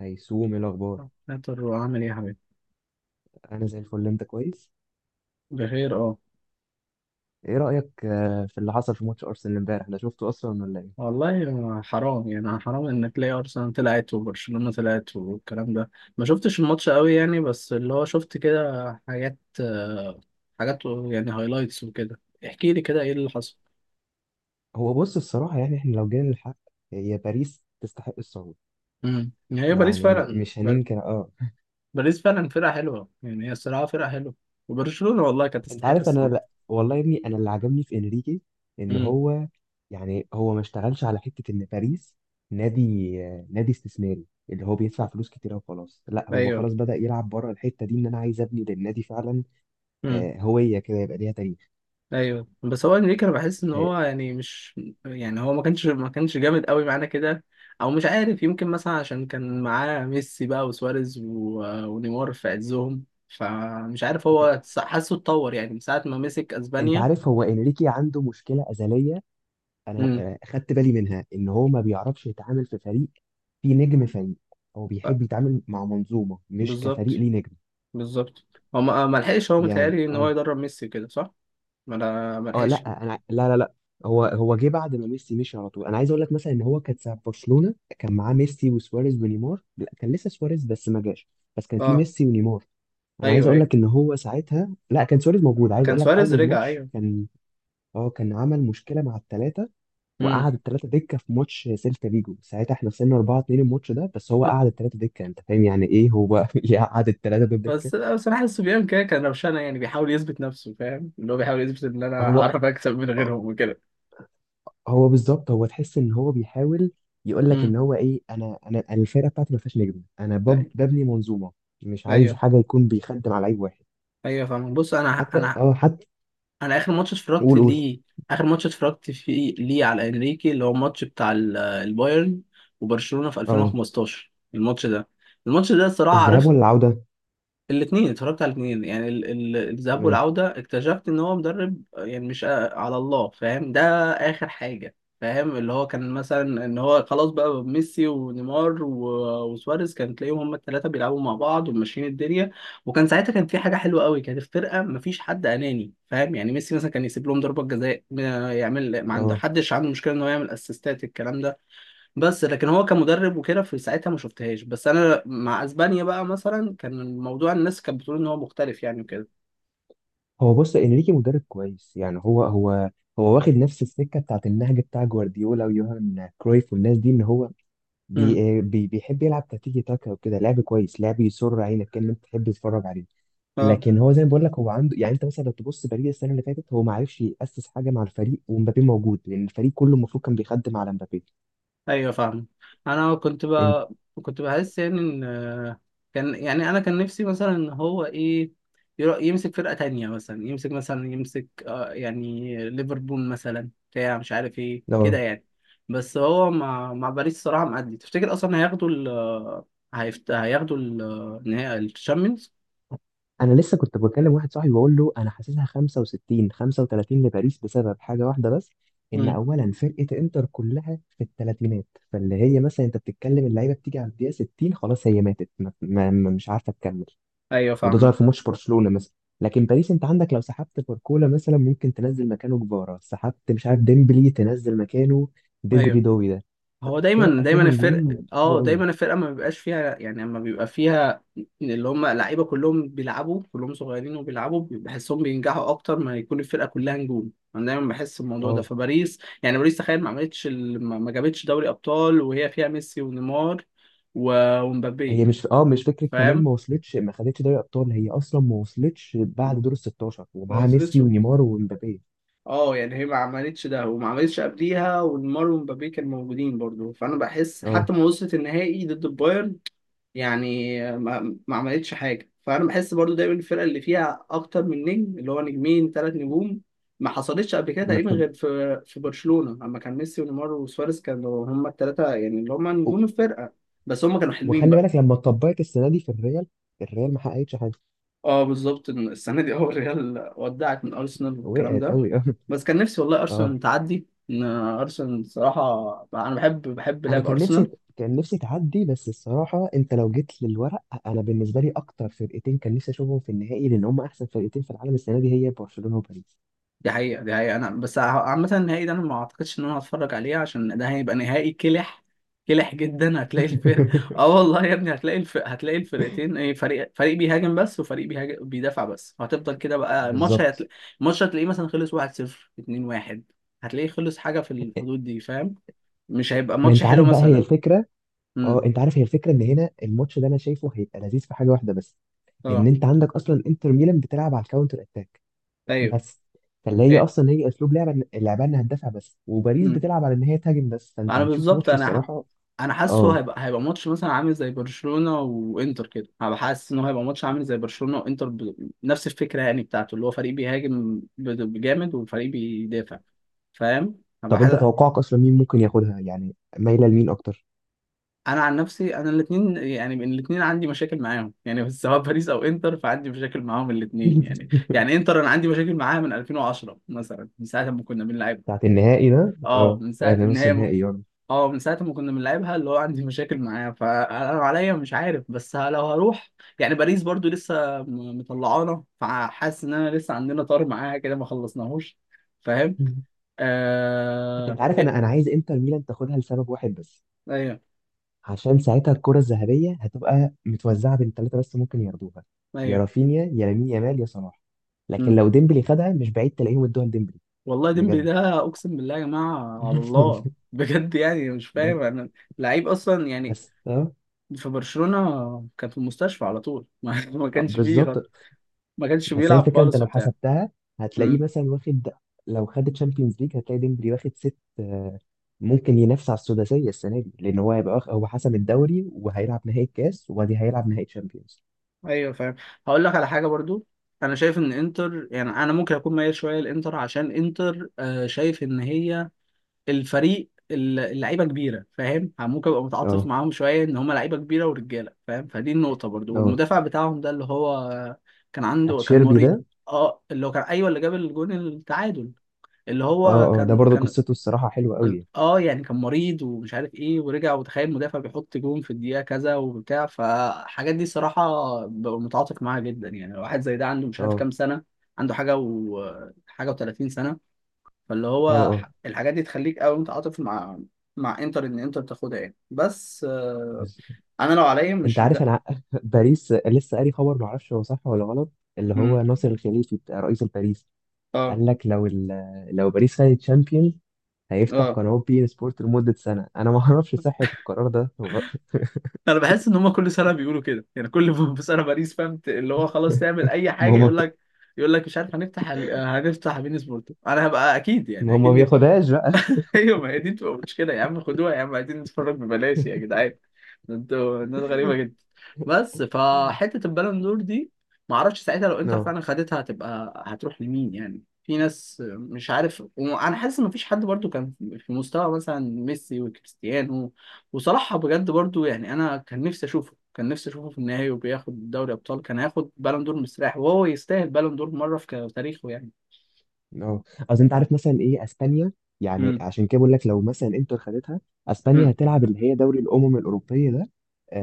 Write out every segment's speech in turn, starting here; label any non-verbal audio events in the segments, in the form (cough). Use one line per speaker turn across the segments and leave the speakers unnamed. هيسوم، ايه الاخبار؟
نقدر وعامل ايه يا حبيبي.
انا زي الفل، انت كويس؟
بخير اه.
ايه رايك في اللي حصل في ماتش ارسنال امبارح ده؟ شفته اصلا ولا ايه؟
والله حرام يعني، حرام ان تلاقي ارسنال طلعت وبرشلونة طلعت والكلام ده. ما شفتش الماتش قوي يعني، بس اللي هو شفت كده حاجات، حاجات يعني هايلايتس وكده. احكي لي كده ايه اللي حصل.
هو بص، الصراحه يعني احنا لو جينا للحق، هي باريس تستحق الصعود.
يعني هي باريس
يعني
فعلا
مش هننكر، اه.
باريس فعلا فرقة حلوة، يعني هي الصراحة فرقة حلوة. وبرشلونة والله كانت
انت
تستحق
عارف انا،
الصوت.
لا والله يا ابني، انا اللي عجبني في انريكي ان
امم.
هو يعني هو ما اشتغلش على حته ان باريس نادي، نادي استثماري اللي هو بيدفع فلوس كتيره وخلاص. لا، هو
ايوه
خلاص بدأ يلعب بره الحته دي، ان انا عايز ابني للنادي فعلا. هويه كده يبقى ليها تاريخ.
ايوه. بس هو انريكي، انا بحس ان هو يعني مش يعني هو ما كانش جامد قوي معانا كده. او مش عارف، يمكن مثلا عشان كان معاه ميسي بقى وسواريز ونيمار في عزهم، فمش عارف هو حاسه اتطور يعني من ساعه ما مسك
انت
اسبانيا.
عارف هو انريكي عنده مشكله ازليه، انا
امم.
خدت بالي منها ان هو ما بيعرفش يتعامل في فريق، في نجم فريق. هو
ف-
بيحب يتعامل مع منظومه مش كفريق
بالظبط،
ليه نجم.
بالظبط. هو ما لحقش، هو
يعني
متهيألي ان هو
اه.
يدرب ميسي كده، صح؟ ما
اه
لحقش.
لا، انا لا. هو، جه بعد ما ميسي مشي على طول. انا عايز اقول لك، مثلا ان هو كان ساعه برشلونه كان معاه ميسي وسواريز ونيمار. لا كان لسه سواريز بس ما جاش، بس كان في
اه.
ميسي ونيمار. انا عايز
ايوه
اقول
ايوه،
لك ان هو ساعتها لا، كان سواريز موجود. عايز
كان
اقول لك
سواريز
اول
رجع،
ماتش
ايوه.
كان، اه كان عمل مشكله مع الثلاثه
امم.
وقعد الثلاثه دكه في ماتش سيلتا فيجو. ساعتها احنا خسرنا 4 2 الماتش ده، بس هو قعد الثلاثه دكه. انت فاهم يعني ايه هو (laughs) يقعد الثلاثه دول دكه؟
بس لا، بصراحة الصبيان كده كان روشانة يعني، بيحاول يثبت نفسه، فاهم؟ اللي هو بيحاول يثبت إن أنا
هو
هعرف أكسب من غيرهم وكده.
هو بالظبط، هو تحس ان هو بيحاول يقول لك ان
امم.
هو ايه، انا الفرقه بتاعتي ما فيهاش نجم، انا
أيوه.
ببني منظومه. مش عايز
أيوه.
حاجه يكون بيخدم على لعيب واحد.
أيوه فاهم. بص أنا
حتى
أنا
اه، حتى
أنا آخر ماتش اتفرجت
قول، قول.
ليه، آخر ماتش اتفرجت فيه ليه على إنريكي اللي هو الماتش بتاع البايرن وبرشلونة في
اه،
2015، الماتش ده. الماتش ده الصراحة
الذهاب
عرفت
ولا العوده؟
الاثنين، اتفرجت على الاثنين يعني الذهاب
تمام.
والعودة. اكتشفت ان هو مدرب يعني مش على الله، فاهم ده؟ اخر حاجة. فاهم اللي هو كان مثلا ان هو خلاص بقى ميسي ونيمار وسواريز، كان تلاقيهم هم الثلاثة بيلعبوا مع بعض وماشيين الدنيا. وكان ساعتها كان في حاجة حلوة قوي، كانت الفرقة مفيش حد اناني فاهم يعني. ميسي مثلا كان يسيب لهم ضربة جزاء، يعمل، ما عنده
اه
حدش عنده مشكلة ان هو يعمل اسيستات، الكلام ده. بس لكن هو كمدرب وكده في ساعتها ما شفتهاش، بس انا مع اسبانيا بقى مثلا كان الموضوع الناس كانت بتقول ان هو مختلف يعني وكده.
هو بص، انريكي مدرب كويس يعني، هو هو واخد نفس السكه بتاعت النهج بتاع جوارديولا ويوهان كرويف والناس دي. ان هو
امم.
بي بي بيحب يلعب تكتيكي تاكا وكده. لعب كويس، لعب يسر عينك، كان انت تحب تتفرج عليه.
اه
لكن هو زي ما بقول لك، هو عنده يعني، انت مثلا لو تبص باريس السنه اللي فاتت، هو ما عرفش ياسس حاجه مع الفريق ومبابي موجود، لان الفريق كله المفروض كان بيخدم على مبابي.
ايوه فاهم. انا كنت
انت
بقى، كنت بحس يعني ان، كان يعني، انا كان نفسي مثلا ان هو ايه، يمسك فرقة تانية، مثلا يمسك مثلا يمسك آه يعني ليفربول مثلا بتاع مش عارف ايه كده
اه،
يعني. بس هو مع باريس الصراحة معدي، تفتكر اصلا هياخدوا ال، هياخدوا ال... النهائي الشامبيونز؟
انا لسه كنت بكلم واحد صاحبي بقول له انا حاسسها 65 35 لباريس بسبب حاجه واحده بس، ان اولا فرقه انتر كلها في الثلاثينات. فاللي هي مثلا انت بتتكلم، اللعيبه بتيجي على الدقيقه 60 خلاص هي ماتت، مش عارفه تكمل.
ايوه
وده ظهر في
فاهمك.
ماتش برشلونه مثلا. لكن باريس انت عندك، لو سحبت باركولا مثلا ممكن تنزل مكانه كفارا، سحبت مش عارف ديمبلي تنزل مكانه ديزري
ايوه
دوي ده.
هو دايما
فرقه
دايما
فيها
الفرق،
نجوم حلوه
اه
قوي.
دايما الفرقه ما بيبقاش فيها يعني، اما بيبقى فيها اللي هم لعيبه كلهم بيلعبوا كلهم صغيرين وبيلعبوا بحسهم، بينجحوا اكتر ما يكون الفرقه كلها نجوم. انا دايما بحس الموضوع ده.
اه
فباريس يعني، باريس تخيل ما عملتش ما جابتش دوري ابطال وهي فيها ميسي ونيمار ومبابي.
هي مش، اه مش فكره كمان
فاهم؟
ما وصلتش، ما خدتش دوري ابطال. هي اصلا ما وصلتش بعد دور ال 16
ما
ومعاها
وصلتش.
ميسي ونيمار ومبابي.
اه يعني هي ما عملتش ده وما عملتش قبليها، ونيمار ومبابي كانوا موجودين برضو. فانا بحس
اه
حتى ما وصلت النهائي ضد البايرن يعني، ما عملتش حاجه. فانا بحس برضو دايما الفرقه اللي فيها اكتر من نجم اللي هو نجمين ثلاث نجوم ما حصلتش قبل كده
ما
تقريبا
بتبقى،
غير في برشلونه لما كان ميسي ونيمار وسواريز، كانوا هم الثلاثه يعني اللي هم
و-
نجوم الفرقه. بس هم كانوا حلوين
وخلي
بقى.
بالك لما اتطبقت السنه دي في الريال، الريال ما حققتش حاجه.
اه بالظبط، إن السنه دي (laughs) اول ريال ودعت من ارسنال والكلام
وقعت
ده.
قوي (laughs) اه.
بس كان نفسي والله
اه
ارسنال تعدي، ان ارسنال صراحه انا بحب
انا
لعب
كان نفسي،
ارسنال.
كان نفسي تعدي. بس الصراحه انت لو جيت للورق، انا بالنسبه لي اكتر فرقتين كان نفسي اشوفهم في النهائي، لان هم احسن فرقتين في العالم السنه دي، هي برشلونه وباريس.
دي حقيقة، دي حقيقة. أنا بس عامة النهائي ده أنا ما أعتقدش إن أنا هتفرج عليه، عشان ده هيبقى نهائي كلح، كلح جدا. هتلاقي الفرق (laughs) آه
(laughs)
والله يا ابني، هتلاقي الفرق، هتلاقي الفرقتين إيه، فريق، فريق بيهاجم بس وفريق بيهاجم بيدافع بس، وهتفضل كده بقى. الماتش
بالظبط.
هتلاقي، الماتش هتلاقيه مثلا خلص 1-0، 2-1، هتلاقيه خلص حاجة في الحدود دي. فاهم؟ مش هيبقى
ما
ماتش
انت
حلو
عارف بقى، هي
مثلا.
الفكره.
امم.
اه انت عارف، هي الفكره ان هنا الماتش ده انا شايفه هيبقى لذيذ في حاجه واحده بس، ان
اه.
انت عندك اصلا انتر ميلان بتلعب على الكاونتر اتاك
أيوه.
بس. فاللي هي
إيه.
اصلا هي اسلوب لعبه اللعبه انها تدافع بس، وباريس
امم.
بتلعب على ان هي تهاجم بس، فانت
أنا
هتشوف
بالظبط،
ماتش
أنا،
الصراحه.
انا حاسه
اه.
هيبقى، هيبقى ماتش مثلا عامل زي برشلونة وانتر كده. انا حاسس ان هو هيبقى ماتش عامل زي برشلونة وانتر نفس الفكرة يعني بتاعته، اللي هو فريق بيهاجم بجامد وفريق بيدافع. فاهم؟ هبقى
طب انت
حاسس.
توقعك اصلا مين ممكن ياخدها يعني؟ مايله لمين اكتر؟
انا عن نفسي انا الاثنين، يعني الاثنين عندي مشاكل معاهم يعني (laughs) بس سواء باريس او انتر، فعندي مشاكل معاهم الاثنين يعني.
(laughs)
يعني انتر انا عندي مشاكل معاها من 2010 مثلا، من ساعة ما كنا بنلعبها.
بتاعت النهائي ده،
اه
اه
من ساعة
يعني
ان
نص
هي،
نهائي يعني.
اه من ساعة ما كنا بنلعبها، اللي هو عندي مشاكل معاه. فأنا عليا مش عارف، بس لو هروح يعني باريس برضو لسه، مطلعانا، فحاسس إن أنا لسه عندنا طار معاها كده ما خلصناهوش. فاهم؟
(laughs)
آه...
انت عارف
إيه؟
انا، عايز انتر ميلان تاخدها لسبب واحد بس،
أيوه.
عشان ساعتها الكرة الذهبية هتبقى متوزعة بين ثلاثة بس ممكن ياخدوها، يا
أيوه.
رافينيا يا لامين يامال يا صلاح. لكن
مم.
لو ديمبلي خدها، مش بعيد تلاقيهم ادوها لديمبلي.
والله ديمبلي
بجد
ده أقسم بالله يا جماعة، على الله.
(laughs)
بجد يعني مش
بس،
فاهم أنا، لعيب أصلا يعني
بس اه.
في برشلونة كان في المستشفى على طول (laughs) ما كانش فيه خالص،
بالظبط.
ما كانش
بس هي
بيلعب
الفكرة، انت
خالص
لو
وبتاع.
حسبتها هتلاقيه
إمم.
مثلا واخد، لو خد تشامبيونز ليج هتلاقي ديمبلي واخد ست، ممكن ينافس على السداسية السنة دي، لأن هو هيبقى هو حسم الدوري وهيلعب نهائي الكاس وبعدين هيلعب نهائي تشامبيونز.
ايوه فاهم. هقول لك على حاجه برضو. انا شايف ان انتر يعني، انا ممكن اكون ميال شويه لانتر عشان انتر، شايف ان هي الفريق اللعيبه كبيره، فاهم؟ ممكن ابقى متعاطف
اه
معاهم شويه، ان هم لعيبه كبيره ورجاله فاهم، فدي النقطه برضو.
اه،
والمدافع بتاعهم ده اللي هو كان عنده، كان
اتشيربي
مريء،
ده.
اه اللي هو كان، ايوه اللي جاب الجون التعادل، اللي هو
اه اه، ده
كان
برضه
كان
قصته الصراحة حلوة قوي.
اه يعني كان مريض ومش عارف ايه ورجع، وتخيل مدافع بيحط جون في الدقيقة كذا وبتاع، فالحاجات دي صراحة ببقى متعاطف معاها جدا يعني. لو واحد زي ده عنده مش عارف
اه
كام سنة، عنده حاجة و حاجة و30 سنة، فاللي
اه
هو
اه.
الحاجات دي تخليك قوي متعاطف مع انتر ان انتر تاخدها يعني بس
بس
انا لو عليا
انت
مش
عارف
ده.
انا (laughs) باريس لسه قاري خبر، ما اعرفش هو صح ولا غلط، اللي هو
مم.
ناصر الخليفي بتاع رئيس الباريس
اه.
قال لك لو لو باريس خدت تشامبيونز، هيفتح
اه.
قناه بي ان سبورت لمده سنه. انا ما اعرفش صحه القرار ده هو.
انا بحس ان هم كل سنه بيقولوا كده يعني كل (laughs) في سنه باريس فهمت اللي هو خلاص تعمل
(laughs)
اي
ما
حاجه،
هو،
يقول لك، يقول لك مش عارف هنفتح ال... هنفتح بين سبورت، انا هبقى اكيد
ما
يعني
هو ما
اكيد.
بياخدهاش بقى.
(laughs) ايوه ما هي دي بتبقى مشكله. يا عم خدوها، يا عم عايزين نتفرج ببلاش يا جدعان، ده انتوا ناس غريبه جدا. بس فحته البالون دور دي، ما اعرفش ساعتها لو انتر
اه
فعلا خدتها هتبقى، هتروح لمين يعني؟ في ناس مش عارف، وانا حاسس ان مفيش حد برضو كان في مستوى مثلا ميسي وكريستيانو. وصلاح بجد برضو يعني، انا كان نفسي اشوفه، كان نفسي اشوفه في النهائي وبياخد دوري ابطال، كان هياخد بالون دور مستريح. وهو يستاهل بالون دور مره في تاريخه يعني.
اه. اصل انت عارف مثلا ايه اسبانيا، يعني
امم.
عشان كده بقول لك، لو مثلا انتر خدتها، اسبانيا
امم.
هتلعب اللي هي دوري الامم الاوروبيه ده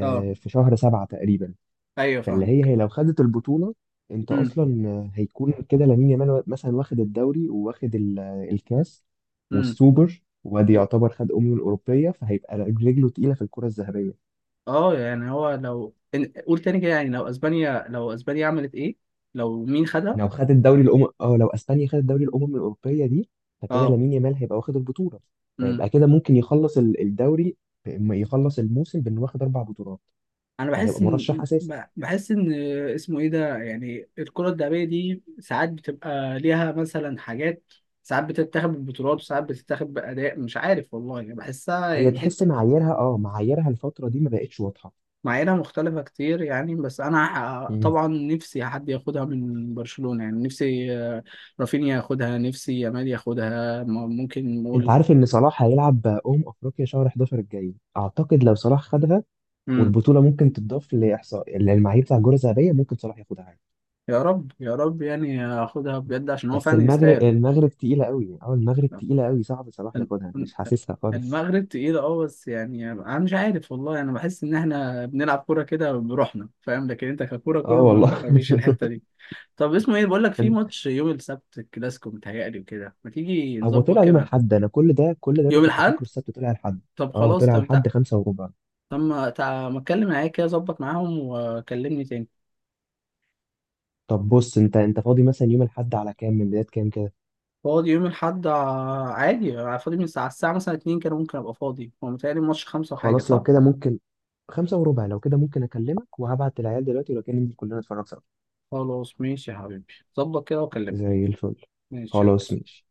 اه
في شهر سبعة تقريبا.
ايوه
فاللي هي،
فاهمك.
هي لو خدت البطولة، انت اصلا هيكون كده لامين يامال مثلا واخد الدوري وواخد الكاس
امم.
والسوبر، وادي
و-
يعتبر خد الاوروبيه، فهيبقى رجله تقيله في الكره الذهبيه.
اه يعني هو لو قول تاني كده يعني، لو اسبانيا، لو اسبانيا عملت ايه، لو مين خدها؟
لو خد الدوري الامم، اه لو اسبانيا خدت دوري الامم الاوروبيه دي، فكده
اه.
لامين يامال هيبقى واخد البطوله،
امم.
فيبقى كده ممكن يخلص الدوري، بإما يخلص الموسم بانه واخد اربع بطولات،
انا
فهيبقى
بحس
مرشح
ان
اساسي.
بحس ان اسمه ايه ده يعني، الكرة الذهبية دي ساعات بتبقى ليها مثلا حاجات، ساعات بتتاخد بالبطولات وساعات بتتاخد بأداء مش عارف، والله يعني بحسها
هي
يعني
تحس
حتة
معاييرها، اه معاييرها الفتره دي ما بقتش واضحه.
معاييرها مختلفة كتير يعني. بس أنا طبعا نفسي حد ياخدها من برشلونة يعني، نفسي رافينيا ياخدها، نفسي يامال ياخدها، ممكن
انت
نقول.
عارف ان صلاح هيلعب افريقيا شهر 11 الجاي اعتقد، لو صلاح خدها
إمم.
والبطوله ممكن تضاف لاحصاء للمعايير بتاع الجوله الذهبيه، ممكن صلاح ياخدها عادي.
يا رب، يا رب يعني هاخدها بجد عشان هو
بس
فعلا
المغرب،
يستاهل.
المغرب تقيله قوي. اه المغرب تقيله قوي، صعب صلاح ياخدها، مش حاسسها خالص.
المغرب تقيل اه، بس يعني انا مش عارف والله، انا بحس ان احنا بنلعب كوره كده بروحنا، فاهم؟ لكن انت ككوره،
اه
كوره ما
والله.
ما فيش الحته دي. طب اسمه ايه بقول لك، في ماتش
(laughs)
يوم السبت الكلاسيكو متهيألي وكده، ما تيجي
هو
نظبط
طلع يوم
كده؟
الاحد. انا كل ده، كل ده انا
يوم
كنت
الاحد؟
فاكره السبت، طلع الاحد.
طب
اه
خلاص
طلع
تم،
الاحد خمسة وربع.
طب ما اتكلم معايا كده، ظبط معاهم وكلمني تاني.
طب بص، انت انت فاضي مثلا يوم الاحد على كام؟ من بدايه كام كده؟
فاضي يوم الاحد، عادي. فاضي من الساعه، الساعه مثلا 2 كده ممكن ابقى فاضي، هو متهيألي الماتش خمسة وحاجه،
خلاص لو
صح؟
كده ممكن، خمسة وربع لو كده ممكن اكلمك وهبعت العيال دلوقتي، ولو كان ننزل كلنا نتفرج.
خلاص ماشي يا حبيبي، ظبط كده وكلمني.
زي الفل.
ماشي،
خلاص
يلا.
ماشي.